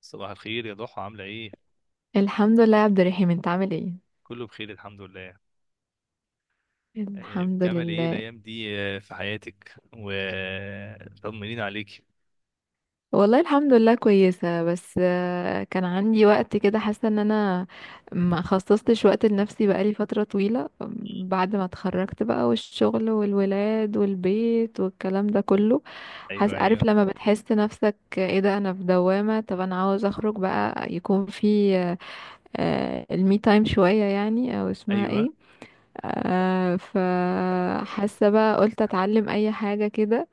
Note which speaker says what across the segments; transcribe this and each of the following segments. Speaker 1: صباح الخير يا ضحى، عاملة ايه؟
Speaker 2: الحمد لله يا عبد الرحيم، انت عامل ايه؟
Speaker 1: كله بخير الحمد لله. آه،
Speaker 2: الحمد
Speaker 1: بتعمل ايه
Speaker 2: لله.
Speaker 1: الأيام دي في حياتك؟ وطمنين عليك.
Speaker 2: والله الحمد لله، كويسة، بس كان عندي وقت كده، حاسة ان انا ما خصصتش وقت لنفسي بقالي فترة طويلة. بعد ما اتخرجت بقى، والشغل والولاد والبيت والكلام ده كله.
Speaker 1: ايوه،
Speaker 2: حاسة، عارف
Speaker 1: ايوه،
Speaker 2: لما بتحس نفسك ايه ده؟ انا في دوامة. طب انا عاوز اخرج بقى، يكون في المي تايم شوية يعني، او اسمها
Speaker 1: ايوه.
Speaker 2: ايه. فحاسة بقى، قلت اتعلم اي حاجة كده.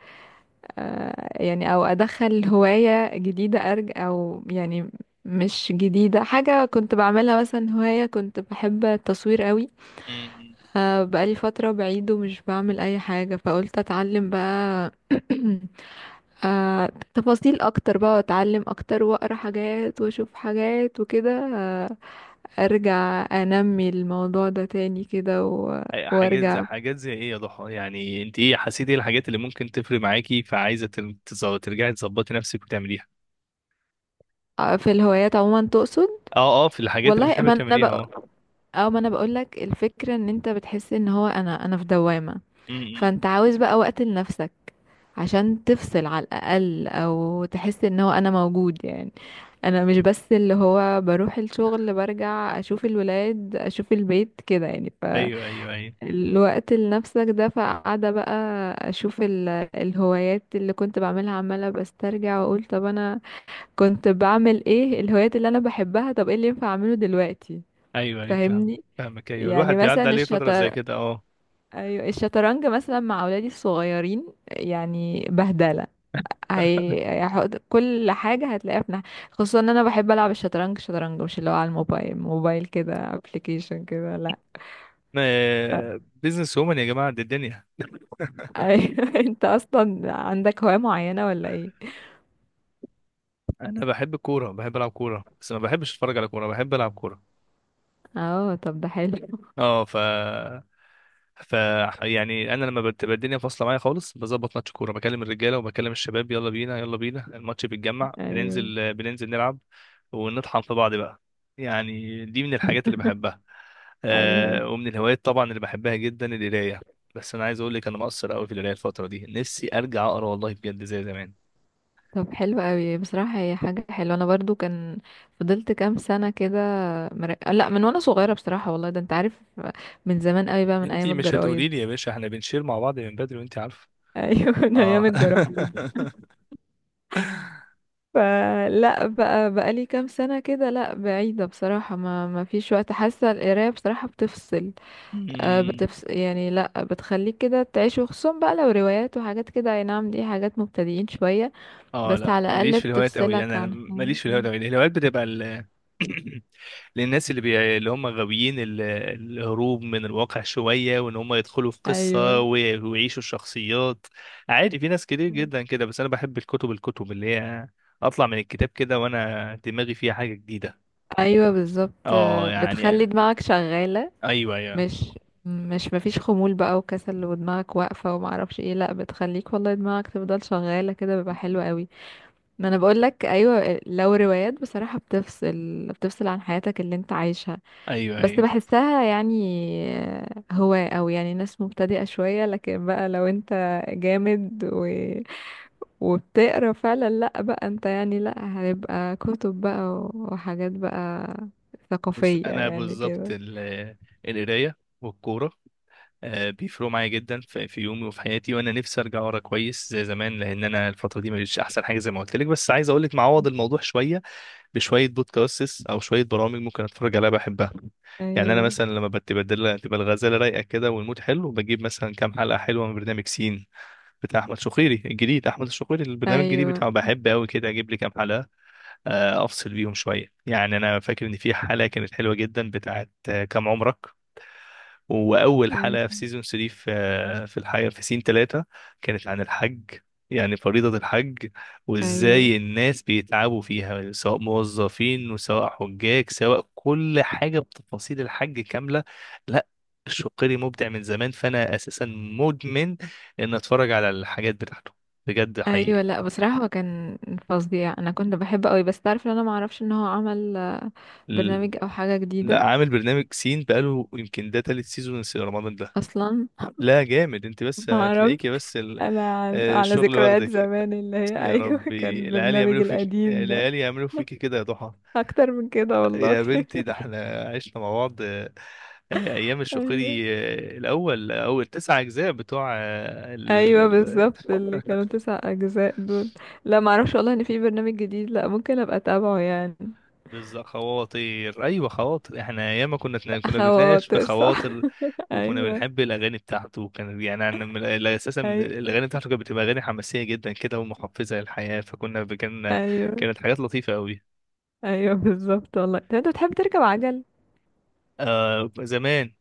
Speaker 2: يعني او ادخل هواية جديدة، او يعني مش جديدة، حاجة كنت بعملها مثلا، هواية كنت بحب التصوير قوي.
Speaker 1: م-م.
Speaker 2: فبقالي فترة بعيد ومش بعمل اي حاجة، فقلت اتعلم بقى. تفاصيل اكتر بقى، واتعلم اكتر واقرا حاجات واشوف حاجات وكده. آه، ارجع انمي الموضوع ده تاني كده وارجع.
Speaker 1: حاجات زي ايه يا ضحى؟ يعني انت ايه، حسيتي ايه الحاجات اللي ممكن تفرق معاكي، فعايزة ترجعي تظبطي نفسك وتعمليها؟
Speaker 2: في الهوايات عموما تقصد؟
Speaker 1: اه اه، في الحاجات اللي
Speaker 2: والله
Speaker 1: بتحبي
Speaker 2: ما
Speaker 1: تعمليها
Speaker 2: انا،
Speaker 1: اه.
Speaker 2: اه، ما انا بقولك، الفكرة ان انت بتحس ان هو انا في دوامة.
Speaker 1: م-م.
Speaker 2: فانت عاوز بقى وقت لنفسك، عشان تفصل على الاقل، او تحس ان هو انا موجود يعني. انا مش بس اللي هو بروح الشغل برجع اشوف الولاد اشوف البيت كده يعني.
Speaker 1: ايوه، ايوه، ايوه،
Speaker 2: فالوقت لنفسك ده، فقاعدة بقى اشوف الهوايات اللي كنت بعملها، عمالة بسترجع واقول طب انا كنت بعمل ايه؟ الهوايات اللي انا بحبها، طب ايه اللي ينفع اعمله دلوقتي؟
Speaker 1: ايوه، ايوه، فاهم،
Speaker 2: فاهمني.
Speaker 1: فاهمك، ايوه.
Speaker 2: يعني
Speaker 1: الواحد
Speaker 2: مثلا
Speaker 1: بيعدي عليه فترة زي كده اه.
Speaker 2: ايوه الشطرنج مثلا مع اولادي الصغيرين، يعني بهدله. هيحط كل حاجه هتلاقيها في ناحية. خصوصا ان انا بحب العب الشطرنج، شطرنج مش اللي هو على الموبايل، موبايل كده، ابلكيشن كده، لا.
Speaker 1: بيزنس وومن يا جماعة، دي الدنيا.
Speaker 2: ايوه. انت اصلا عندك هوايه معينه ولا ايه؟
Speaker 1: انا بحب الكوره، بحب العب كوره، بس ما بحبش اتفرج على كوره، بحب العب كوره.
Speaker 2: اه، طب ده حلو.
Speaker 1: اه، ف يعني انا لما بتبقى الدنيا فاصله معايا خالص، بظبط ماتش كوره، بكلم الرجاله وبكلم الشباب، يلا بينا يلا بينا، الماتش بيتجمع،
Speaker 2: ايوه،
Speaker 1: بننزل بننزل نلعب ونطحن في بعض بقى. يعني دي من الحاجات اللي بحبها.
Speaker 2: ايوه.
Speaker 1: آه، ومن الهوايات طبعا اللي بحبها جدا القرايه. بس انا عايز اقول لك انا مقصر قوي في القرايه الفتره دي، نفسي ارجع اقرا والله بجد زي زمان.
Speaker 2: طب حلو قوي بصراحه، هي حاجه حلوه، انا برضو كان فضلت كام سنه كده. لا، من وانا صغيره بصراحه، والله ده انت عارف، من زمان قوي بقى، من ايام
Speaker 1: انتي مش
Speaker 2: الجرايد.
Speaker 1: هتقولي لي يا باشا، احنا بنشير مع بعض من بدري وانتي عارفه.
Speaker 2: ايوه. من ايام
Speaker 1: اه.
Speaker 2: الجرابيب. فلا، بقى لي كام سنه كده، لا بعيده بصراحه، ما فيش وقت، حاسه القرايه بصراحه بتفصل.
Speaker 1: أمم،
Speaker 2: بتفصل يعني، لا بتخليك كده تعيش، وخصوصا بقى لو روايات وحاجات كده، اي نعم، دي حاجات مبتدئين شويه،
Speaker 1: اه
Speaker 2: بس
Speaker 1: لا،
Speaker 2: على
Speaker 1: ماليش
Speaker 2: الاقل
Speaker 1: في الهوايات قوي،
Speaker 2: بتفصلك
Speaker 1: انا
Speaker 2: عن
Speaker 1: ماليش في الهوايات قوي، الهوايات بتبقى ال... اللي هم غاويين ال... الهروب من الواقع شويه، وان هم يدخلوا في قصه
Speaker 2: ايوه،
Speaker 1: و... ويعيشوا الشخصيات. عادي، في ناس كتير جدا كده. بس انا بحب الكتب، الكتب اللي هي اطلع من الكتاب كده وانا دماغي فيها حاجه جديده.
Speaker 2: ايوه، بالظبط.
Speaker 1: اه، يعني
Speaker 2: بتخلي دماغك شغاله،
Speaker 1: ايوه، ايوه،
Speaker 2: مش مش مفيش خمول بقى وكسل ودماغك واقفه وما اعرفش ايه، لا بتخليك والله دماغك تفضل شغاله كده، بيبقى حلو قوي. ما انا بقول لك، ايوه، لو روايات بصراحه بتفصل بتفصل عن حياتك اللي انت عايشها،
Speaker 1: ايوه،
Speaker 2: بس
Speaker 1: ايوه.
Speaker 2: بحسها يعني هو، او يعني ناس مبتدئه شويه، لكن بقى لو انت جامد وبتقرا فعلا، لا بقى انت يعني، لا هيبقى كتب بقى وحاجات بقى
Speaker 1: بص،
Speaker 2: ثقافيه
Speaker 1: انا
Speaker 2: يعني
Speaker 1: بالظبط
Speaker 2: كده.
Speaker 1: ال... القرايه والكوره آه، بيفرقوا معايا جدا في يومي وفي حياتي، وانا نفسي ارجع ورا كويس زي زمان، لان انا الفتره دي مش احسن حاجه زي ما قلت لك. بس عايز اقول لك معوض الموضوع شويه بشويه، بودكاستس او شويه برامج ممكن اتفرج عليها بحبها. يعني انا
Speaker 2: ايوه،
Speaker 1: مثلا لما بتبدل، تبقى الغزاله رايقه كده والمود حلو، بجيب مثلا كام حلقه حلوه من برنامج سين بتاع احمد شقيري الجديد. احمد الشقيري البرنامج الجديد
Speaker 2: ايوه،
Speaker 1: بتاعه بحب قوي كده، اجيب لي كام حلقه آه، افصل بيهم شويه. يعني انا فاكر ان في حلقه كانت حلوه جدا بتاعت آه، كام عمرك. واول حلقه في سيزون 3 في في الحقيقه في سين 3 كانت عن الحج، يعني فريضه الحج،
Speaker 2: ايوه،
Speaker 1: وازاي الناس بيتعبوا فيها، سواء موظفين وسواء حجاج، سواء كل حاجه، بتفاصيل الحج كامله. لا، الشقيري مبدع من زمان، فانا اساسا مدمن ان اتفرج على الحاجات بتاعته بجد حقيقي.
Speaker 2: ايوه. لا بصراحه هو كان فظيع، انا كنت بحبه قوي، بس تعرف ان انا ما اعرفش ان هو عمل
Speaker 1: ال-
Speaker 2: برنامج او حاجه
Speaker 1: لا،
Speaker 2: جديده
Speaker 1: عامل برنامج سين بقاله يمكن ده تالت سيزون، رمضان ده.
Speaker 2: اصلا.
Speaker 1: لا جامد، انت بس
Speaker 2: ما اعرف،
Speaker 1: هتلاقيكي بس
Speaker 2: انا على
Speaker 1: آه، الشغل
Speaker 2: ذكريات
Speaker 1: واخدك.
Speaker 2: زمان اللي هي،
Speaker 1: يا
Speaker 2: ايوه، كان
Speaker 1: ربي، العيال
Speaker 2: البرنامج
Speaker 1: يعملوا فيك،
Speaker 2: القديم ده،
Speaker 1: العيال يعملوا فيك كده يا ضحى.
Speaker 2: اكتر من كده والله.
Speaker 1: يا بنتي ده احنا عشنا مع بعض آه، آه، ايام
Speaker 2: ايوه،
Speaker 1: الشقيري. آه، الاول، اول تسع اجزاء بتوع آه،
Speaker 2: ايوه، بالظبط، اللي كانوا تسع اجزاء دول. لا ما اعرفش والله ان في برنامج جديد، لا، ممكن ابقى اتابعه يعني.
Speaker 1: بالظبط، خواطر. ايوه خواطر، احنا ايام ما كنا كنا بنتناقش في
Speaker 2: خواطر، صح.
Speaker 1: خواطر. وكنا
Speaker 2: ايوه،
Speaker 1: بنحب الاغاني بتاعته، وكان يعني لا، اساسا من
Speaker 2: ايوه،
Speaker 1: الاغاني بتاعته كانت بتبقى اغاني حماسيه جدا كده، ومحفزه للحياه، فكنا كان
Speaker 2: ايوه،
Speaker 1: كانت حاجات لطيفه قوي.
Speaker 2: ايوه، بالظبط والله. طب انت بتحب تركب عجل؟
Speaker 1: آه زمان،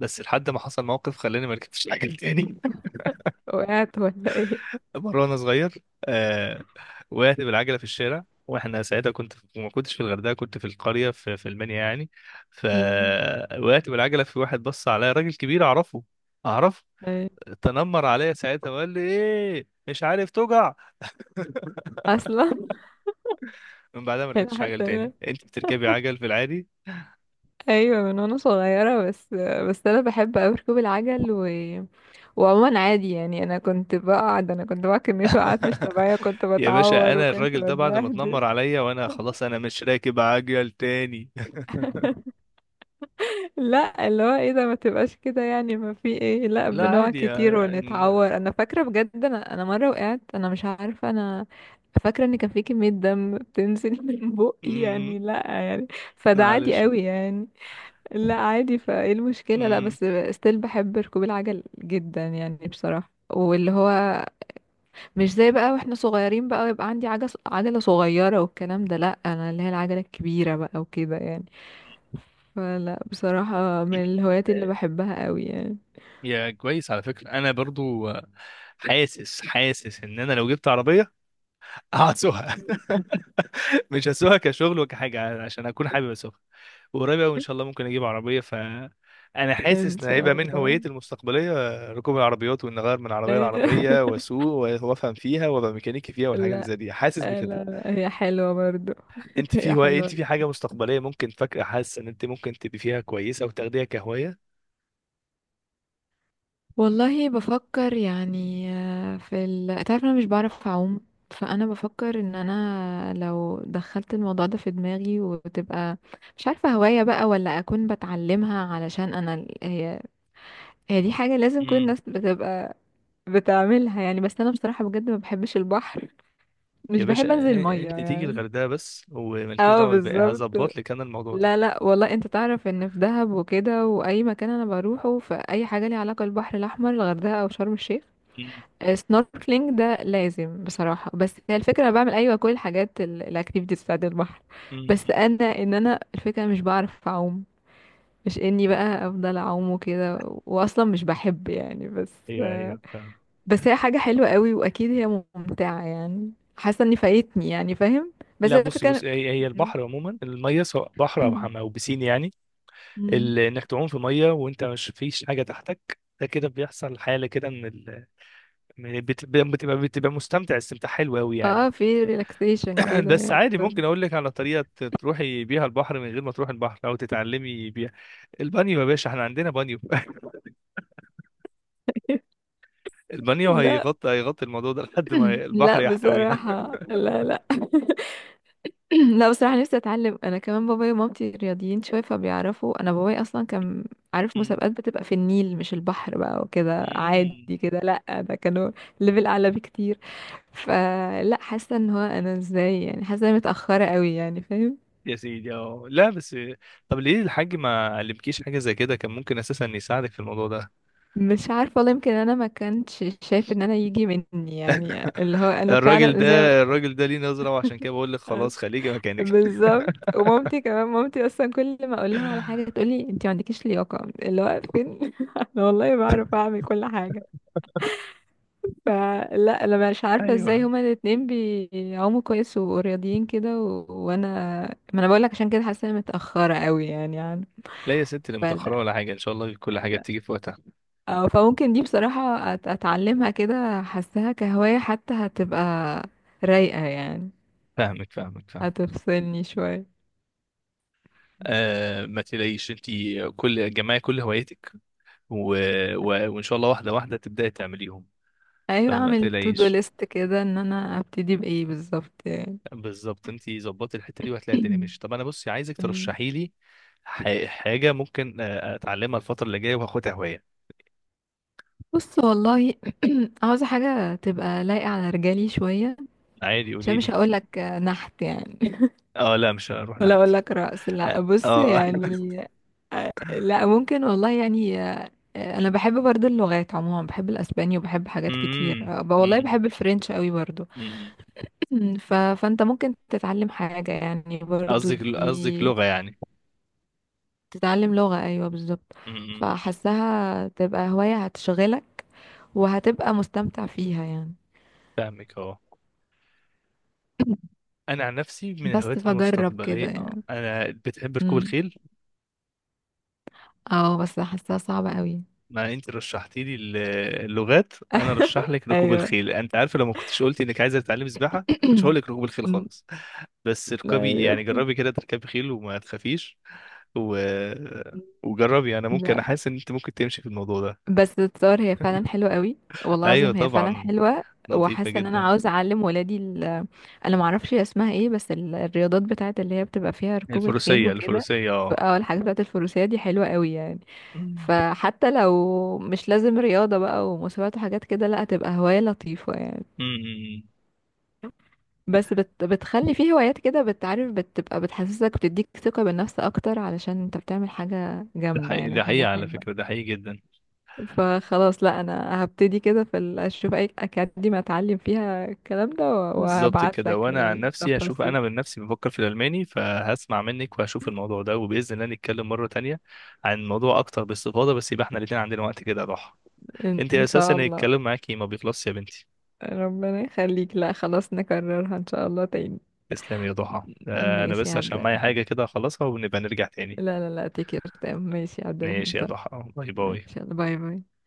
Speaker 1: بس لحد ما حصل موقف خلاني ما ركبتش العجل تاني.
Speaker 2: وقعت ولا ايه؟
Speaker 1: مرة وانا صغير آه، وقعت بالعجلة في الشارع، واحنا ساعتها كنت في... ما كنتش في الغردقة، كنت في القرية في المنيا يعني.
Speaker 2: مم.
Speaker 1: فوقعت بالعجلة في واحد، بص عليا راجل كبير اعرفه، اعرفه.
Speaker 2: أيوة.
Speaker 1: تنمر عليا ساعتها وقال لي ايه، مش عارف توجع.
Speaker 2: اصلا.
Speaker 1: من بعدها ما
Speaker 2: أنا
Speaker 1: ركبتش عجل
Speaker 2: حتى
Speaker 1: تاني.
Speaker 2: أنا-
Speaker 1: انت بتركبي عجل في العادي؟
Speaker 2: ايوه من وانا صغيره، بس بس انا بحب اوي ركوب العجل وعموما عادي يعني، انا كنت بقعد كميه وقعات مش طبيعيه، كنت
Speaker 1: يا باشا،
Speaker 2: بتعور
Speaker 1: انا
Speaker 2: وكنت
Speaker 1: الراجل ده بعد ما
Speaker 2: بتبهدل.
Speaker 1: اتنمر عليا وانا خلاص، انا مش راكب عجل تاني.
Speaker 2: لا اللي هو ايه ده، ما تبقاش كده يعني، ما في ايه، لا،
Speaker 1: لا
Speaker 2: بنقع
Speaker 1: عادي
Speaker 2: كتير ونتعور. انا فاكره بجد انا مره وقعت، انا مش عارفه، انا فاكره ان كان في كميه دم بتنزل من بقي
Speaker 1: م-
Speaker 2: يعني، لا يعني، فده عادي
Speaker 1: معلش.
Speaker 2: قوي يعني. لا عادي، فايه المشكلة، لا
Speaker 1: م-
Speaker 2: بس ستيل بحب ركوب العجل جدا يعني بصراحة، واللي هو مش زي بقى واحنا صغيرين بقى، ويبقى عندي عجلة صغيرة والكلام ده، لا انا اللي هي العجلة الكبيرة بقى وكده يعني. فلا بصراحة، من الهوايات اللي بحبها قوي يعني.
Speaker 1: يا كويس، على فكرة أنا برضو آه، حاسس حاسس إن أنا لو جبت عربية هسوقها. مش هسوقها كشغل وكحاجة، عشان أكون حابب أسوقها. وقريب أوي إن شاء الله ممكن أجيب عربية، ف أنا
Speaker 2: ان
Speaker 1: حاسس إن هيبقى
Speaker 2: شاء
Speaker 1: من
Speaker 2: الله.
Speaker 1: هواياتي المستقبلية آه، ركوب العربيات، وإن أغير من عربية لعربية وأسوق وأفهم فيها وأبقى ميكانيكي فيها، والحاجات اللي
Speaker 2: لا،
Speaker 1: زي دي حاسس
Speaker 2: لا،
Speaker 1: بكده.
Speaker 2: لا، هي حلوة برضو.
Speaker 1: انت في
Speaker 2: هي
Speaker 1: هواية، انت
Speaker 2: حلوة.
Speaker 1: في حاجة مستقبلية ممكن فاكرة حاسة ان انت ممكن تبقي فيها كويسة وتاخديها كهواية؟
Speaker 2: والله بفكر يعني، في تعرف انا مش بعرف اعوم. فانا بفكر ان انا لو دخلت الموضوع ده في دماغي، وتبقى مش عارفة هواية بقى ولا اكون بتعلمها، علشان انا هي، هي دي حاجة لازم كل
Speaker 1: امم.
Speaker 2: الناس بتبقى بتعملها يعني. بس انا بصراحة بجد ما بحبش البحر،
Speaker 1: يا
Speaker 2: مش
Speaker 1: باشا،
Speaker 2: بحب انزل المية
Speaker 1: انت تيجي
Speaker 2: يعني.
Speaker 1: الغردقة بس، ومالكيش
Speaker 2: اه
Speaker 1: دعوة بالباقي،
Speaker 2: بالظبط.
Speaker 1: هظبط لك انا الموضوع ده.
Speaker 2: لا، لا، والله انت تعرف ان في دهب وكده، واي مكان انا بروحه، فاي حاجة ليها علاقة بالبحر الاحمر، الغردقة او شرم الشيخ، سنوركلينج ده لازم بصراحة. بس هي الفكرة، انا بعمل ايوه كل الحاجات الاكتيفيتيز بتاعت البحر،
Speaker 1: امم.
Speaker 2: بس انا، ان انا الفكرة مش بعرف اعوم، مش اني بقى افضل اعوم وكده، واصلا مش بحب يعني. بس
Speaker 1: ايوه، ايوه، فاهم.
Speaker 2: بس هي حاجة حلوة قوي، واكيد هي ممتعة يعني، حاسة اني فايتني يعني، فاهم. بس
Speaker 1: لا
Speaker 2: هي
Speaker 1: بصي
Speaker 2: الفكرة
Speaker 1: بصي، هي
Speaker 2: إن-
Speaker 1: البحر عموما، الميه سواء بحر او حمام او بسين يعني،
Speaker 2: مم.
Speaker 1: ال- انك تعوم في ميه وانت مش فيش حاجه تحتك، ده كده بيحصل حاله كده من ال... من بتبقى بتبقى مستمتع استمتاع حلو قوي يعني.
Speaker 2: اه، في ريلاكسيشن كده
Speaker 1: بس
Speaker 2: يعني
Speaker 1: عادي،
Speaker 2: برضه.
Speaker 1: ممكن اقول لك على طريقه تروحي بيها البحر من غير ما تروحي البحر او تتعلمي بيها. البانيو، يا باشا احنا عندنا بانيو، البانيو
Speaker 2: لا.
Speaker 1: هيغطي هيغطي الموضوع ده لحد ما البحر
Speaker 2: لا
Speaker 1: يحتوينا.
Speaker 2: بصراحة، لا، لا. لا بصراحة، نفسي اتعلم، انا كمان بابايا ومامتي رياضيين شوية فبيعرفوا، انا بابايا اصلا كان عارف
Speaker 1: مم.
Speaker 2: مسابقات بتبقى في النيل مش البحر بقى وكده
Speaker 1: مم.
Speaker 2: عادي كده، لا ده كانوا ليفل اعلى بكتير. فلا، حاسة ان هو انا ازاي يعني، حاسة اني متأخرة قوي يعني، فاهم.
Speaker 1: يا سيدي اه لا بس، طب ليه الحاج ما علمكيش حاجه زي كده؟ كان ممكن اساسا يساعدك في الموضوع ده.
Speaker 2: مش عارفة والله، يمكن انا ما كنتش شايف ان انا يجي مني يعني، اللي هو انا
Speaker 1: الراجل
Speaker 2: فعلا ازاي.
Speaker 1: ده، الراجل ده ليه نظره، وعشان كده بقول لك خلاص خليكي مكانك.
Speaker 2: بالظبط، ومامتي كمان، مامتي اصلا كل ما اقول لها على حاجه تقولي انت ما عندكيش لياقه، اللي هو فين. انا والله بعرف اعمل كل حاجه. فلا انا مش عارفه ازاي
Speaker 1: ايوه،
Speaker 2: هما الاتنين بيعوموا كويس ورياضيين كده وانا، ما انا بقول لك، عشان كده حاسه إني متاخره قوي يعني
Speaker 1: لا يا ستي، لا متاخره
Speaker 2: فلا،
Speaker 1: ولا حاجه، ان شاء الله كل حاجه بتيجي في وقتها.
Speaker 2: أو فممكن دي بصراحه اتعلمها كده، حاساها كهوايه حتى، هتبقى رايقه يعني،
Speaker 1: فاهمك، فاهمك، فاهمك.
Speaker 2: هتفصلني شويه.
Speaker 1: آه، ما تلاقيش انت كل جمعي كل هواياتك و... و... وان شاء الله واحده واحده تبداي تعمليهم.
Speaker 2: ايوه،
Speaker 1: فما
Speaker 2: اعمل تو دو
Speaker 1: تلاقيش،
Speaker 2: ليست كده ان انا ابتدي بايه بالظبط يعني.
Speaker 1: بالظبط، انت ظبطي الحته دي وهتلاقي الدنيا ماشيه. طب انا بصي، عايزك
Speaker 2: مم.
Speaker 1: ترشحي لي ح... حاجه ممكن آه، اتعلمها الفتره اللي جايه وهاخدها هوايه.
Speaker 2: بص والله. عاوزه حاجه تبقى لايقه على رجالي شويه،
Speaker 1: عادي
Speaker 2: عشان
Speaker 1: قولي
Speaker 2: مش
Speaker 1: لي.
Speaker 2: هقول لك نحت يعني.
Speaker 1: اه لا، مش هروح
Speaker 2: ولا
Speaker 1: نحت.
Speaker 2: اقول لك رأس،
Speaker 1: اه.
Speaker 2: لا بص
Speaker 1: آه.
Speaker 2: يعني. لا ممكن والله يعني، انا بحب برضو اللغات عموما، بحب الاسباني وبحب حاجات كتير،
Speaker 1: امم،
Speaker 2: والله
Speaker 1: امم،
Speaker 2: بحب الفرنش قوي برضو.
Speaker 1: أمم.
Speaker 2: فانت ممكن تتعلم حاجه يعني برضو
Speaker 1: قصدك، قصدك
Speaker 2: دي،
Speaker 1: لغه يعني؟
Speaker 2: تتعلم لغة، ايوه بالظبط.
Speaker 1: امم.
Speaker 2: فحسها تبقى هواية هتشغلك، وهتبقى مستمتع فيها يعني.
Speaker 1: فاهمك اه. انا عن نفسي من
Speaker 2: بس
Speaker 1: الهوايات
Speaker 2: فجرب كده
Speaker 1: المستقبليه آه،
Speaker 2: يعني.
Speaker 1: انا بتحب ركوب
Speaker 2: امم.
Speaker 1: الخيل.
Speaker 2: اه، بس حاساها صعبة قوي.
Speaker 1: ما انت رشحتي لي اللغات، انا رشح لك ركوب
Speaker 2: ايوه.
Speaker 1: الخيل. انت عارفه، لو ما كنتش قلتي انك عايزه تتعلمي سباحه، ما كنتش هقول لك ركوب الخيل
Speaker 2: أمم،
Speaker 1: خالص. بس اركبي يعني،
Speaker 2: ايوه،
Speaker 1: جربي كده تركبي خيل وما تخافيش و... وجربي، انا ممكن، انا
Speaker 2: لا،
Speaker 1: حاسس ان انت ممكن تمشي في الموضوع ده.
Speaker 2: بس الصور هي فعلا حلوة قوي، والله
Speaker 1: ايوه
Speaker 2: العظيم هي فعلا
Speaker 1: طبعا،
Speaker 2: حلوة.
Speaker 1: لطيفه
Speaker 2: وحاسة ان انا
Speaker 1: جدا.
Speaker 2: عاوزة اعلم ولادي انا معرفش هي اسمها ايه، بس الرياضات بتاعت اللي هي بتبقى فيها ركوب الخيل
Speaker 1: الفروسيه،
Speaker 2: وكده.
Speaker 1: الفروسيه اه.
Speaker 2: اه، الحاجات بتاعت الفروسية دي حلوة قوي يعني.
Speaker 1: أمم،
Speaker 2: فحتى لو مش لازم رياضة بقى ومسابقات وحاجات كده، لا هتبقى هواية لطيفة يعني.
Speaker 1: أمم. أمم.
Speaker 2: بس، بتخلي فيه هوايات كده بتعرف، بتبقى بتحسسك، بتديك ثقة بالنفس أكتر علشان انت بتعمل حاجة
Speaker 1: ده
Speaker 2: جامدة
Speaker 1: حقيقي،
Speaker 2: يعني،
Speaker 1: ده حقيقي
Speaker 2: حاجة
Speaker 1: على
Speaker 2: حلوة.
Speaker 1: فكره، ده حقيقي جدا.
Speaker 2: فخلاص لا أنا هبتدي كده في أشوف أي أكاديمية أتعلم فيها الكلام ده،
Speaker 1: بالظبط
Speaker 2: وهبعت
Speaker 1: كده.
Speaker 2: لك
Speaker 1: وانا عن نفسي هشوف،
Speaker 2: التفاصيل.
Speaker 1: انا من نفسي بفكر في الالماني، فهسمع منك وهشوف الموضوع ده، وباذن الله نتكلم مره تانية عن الموضوع اكتر باستفاضه. بس يبقى احنا الاتنين عندنا وقت كده يا ضحى، انت
Speaker 2: إن
Speaker 1: اساسا
Speaker 2: شاء الله.
Speaker 1: الكلام معاكي ما بيخلصش يا بنتي.
Speaker 2: ربنا يخليك، لا خلاص، نكررها إن شاء الله تاني.
Speaker 1: تسلمي يا ضحى، آه، انا
Speaker 2: ماشي يا
Speaker 1: بس
Speaker 2: عبد
Speaker 1: عشان معايا
Speaker 2: الرحيم.
Speaker 1: حاجه كده اخلصها ونبقى نرجع تاني.
Speaker 2: لا، لا، لا، تكير تمام، ماشي يا عبد الرحيم.
Speaker 1: ماشي يا ضحى، باي باي.
Speaker 2: ماشي، يلا باي باي.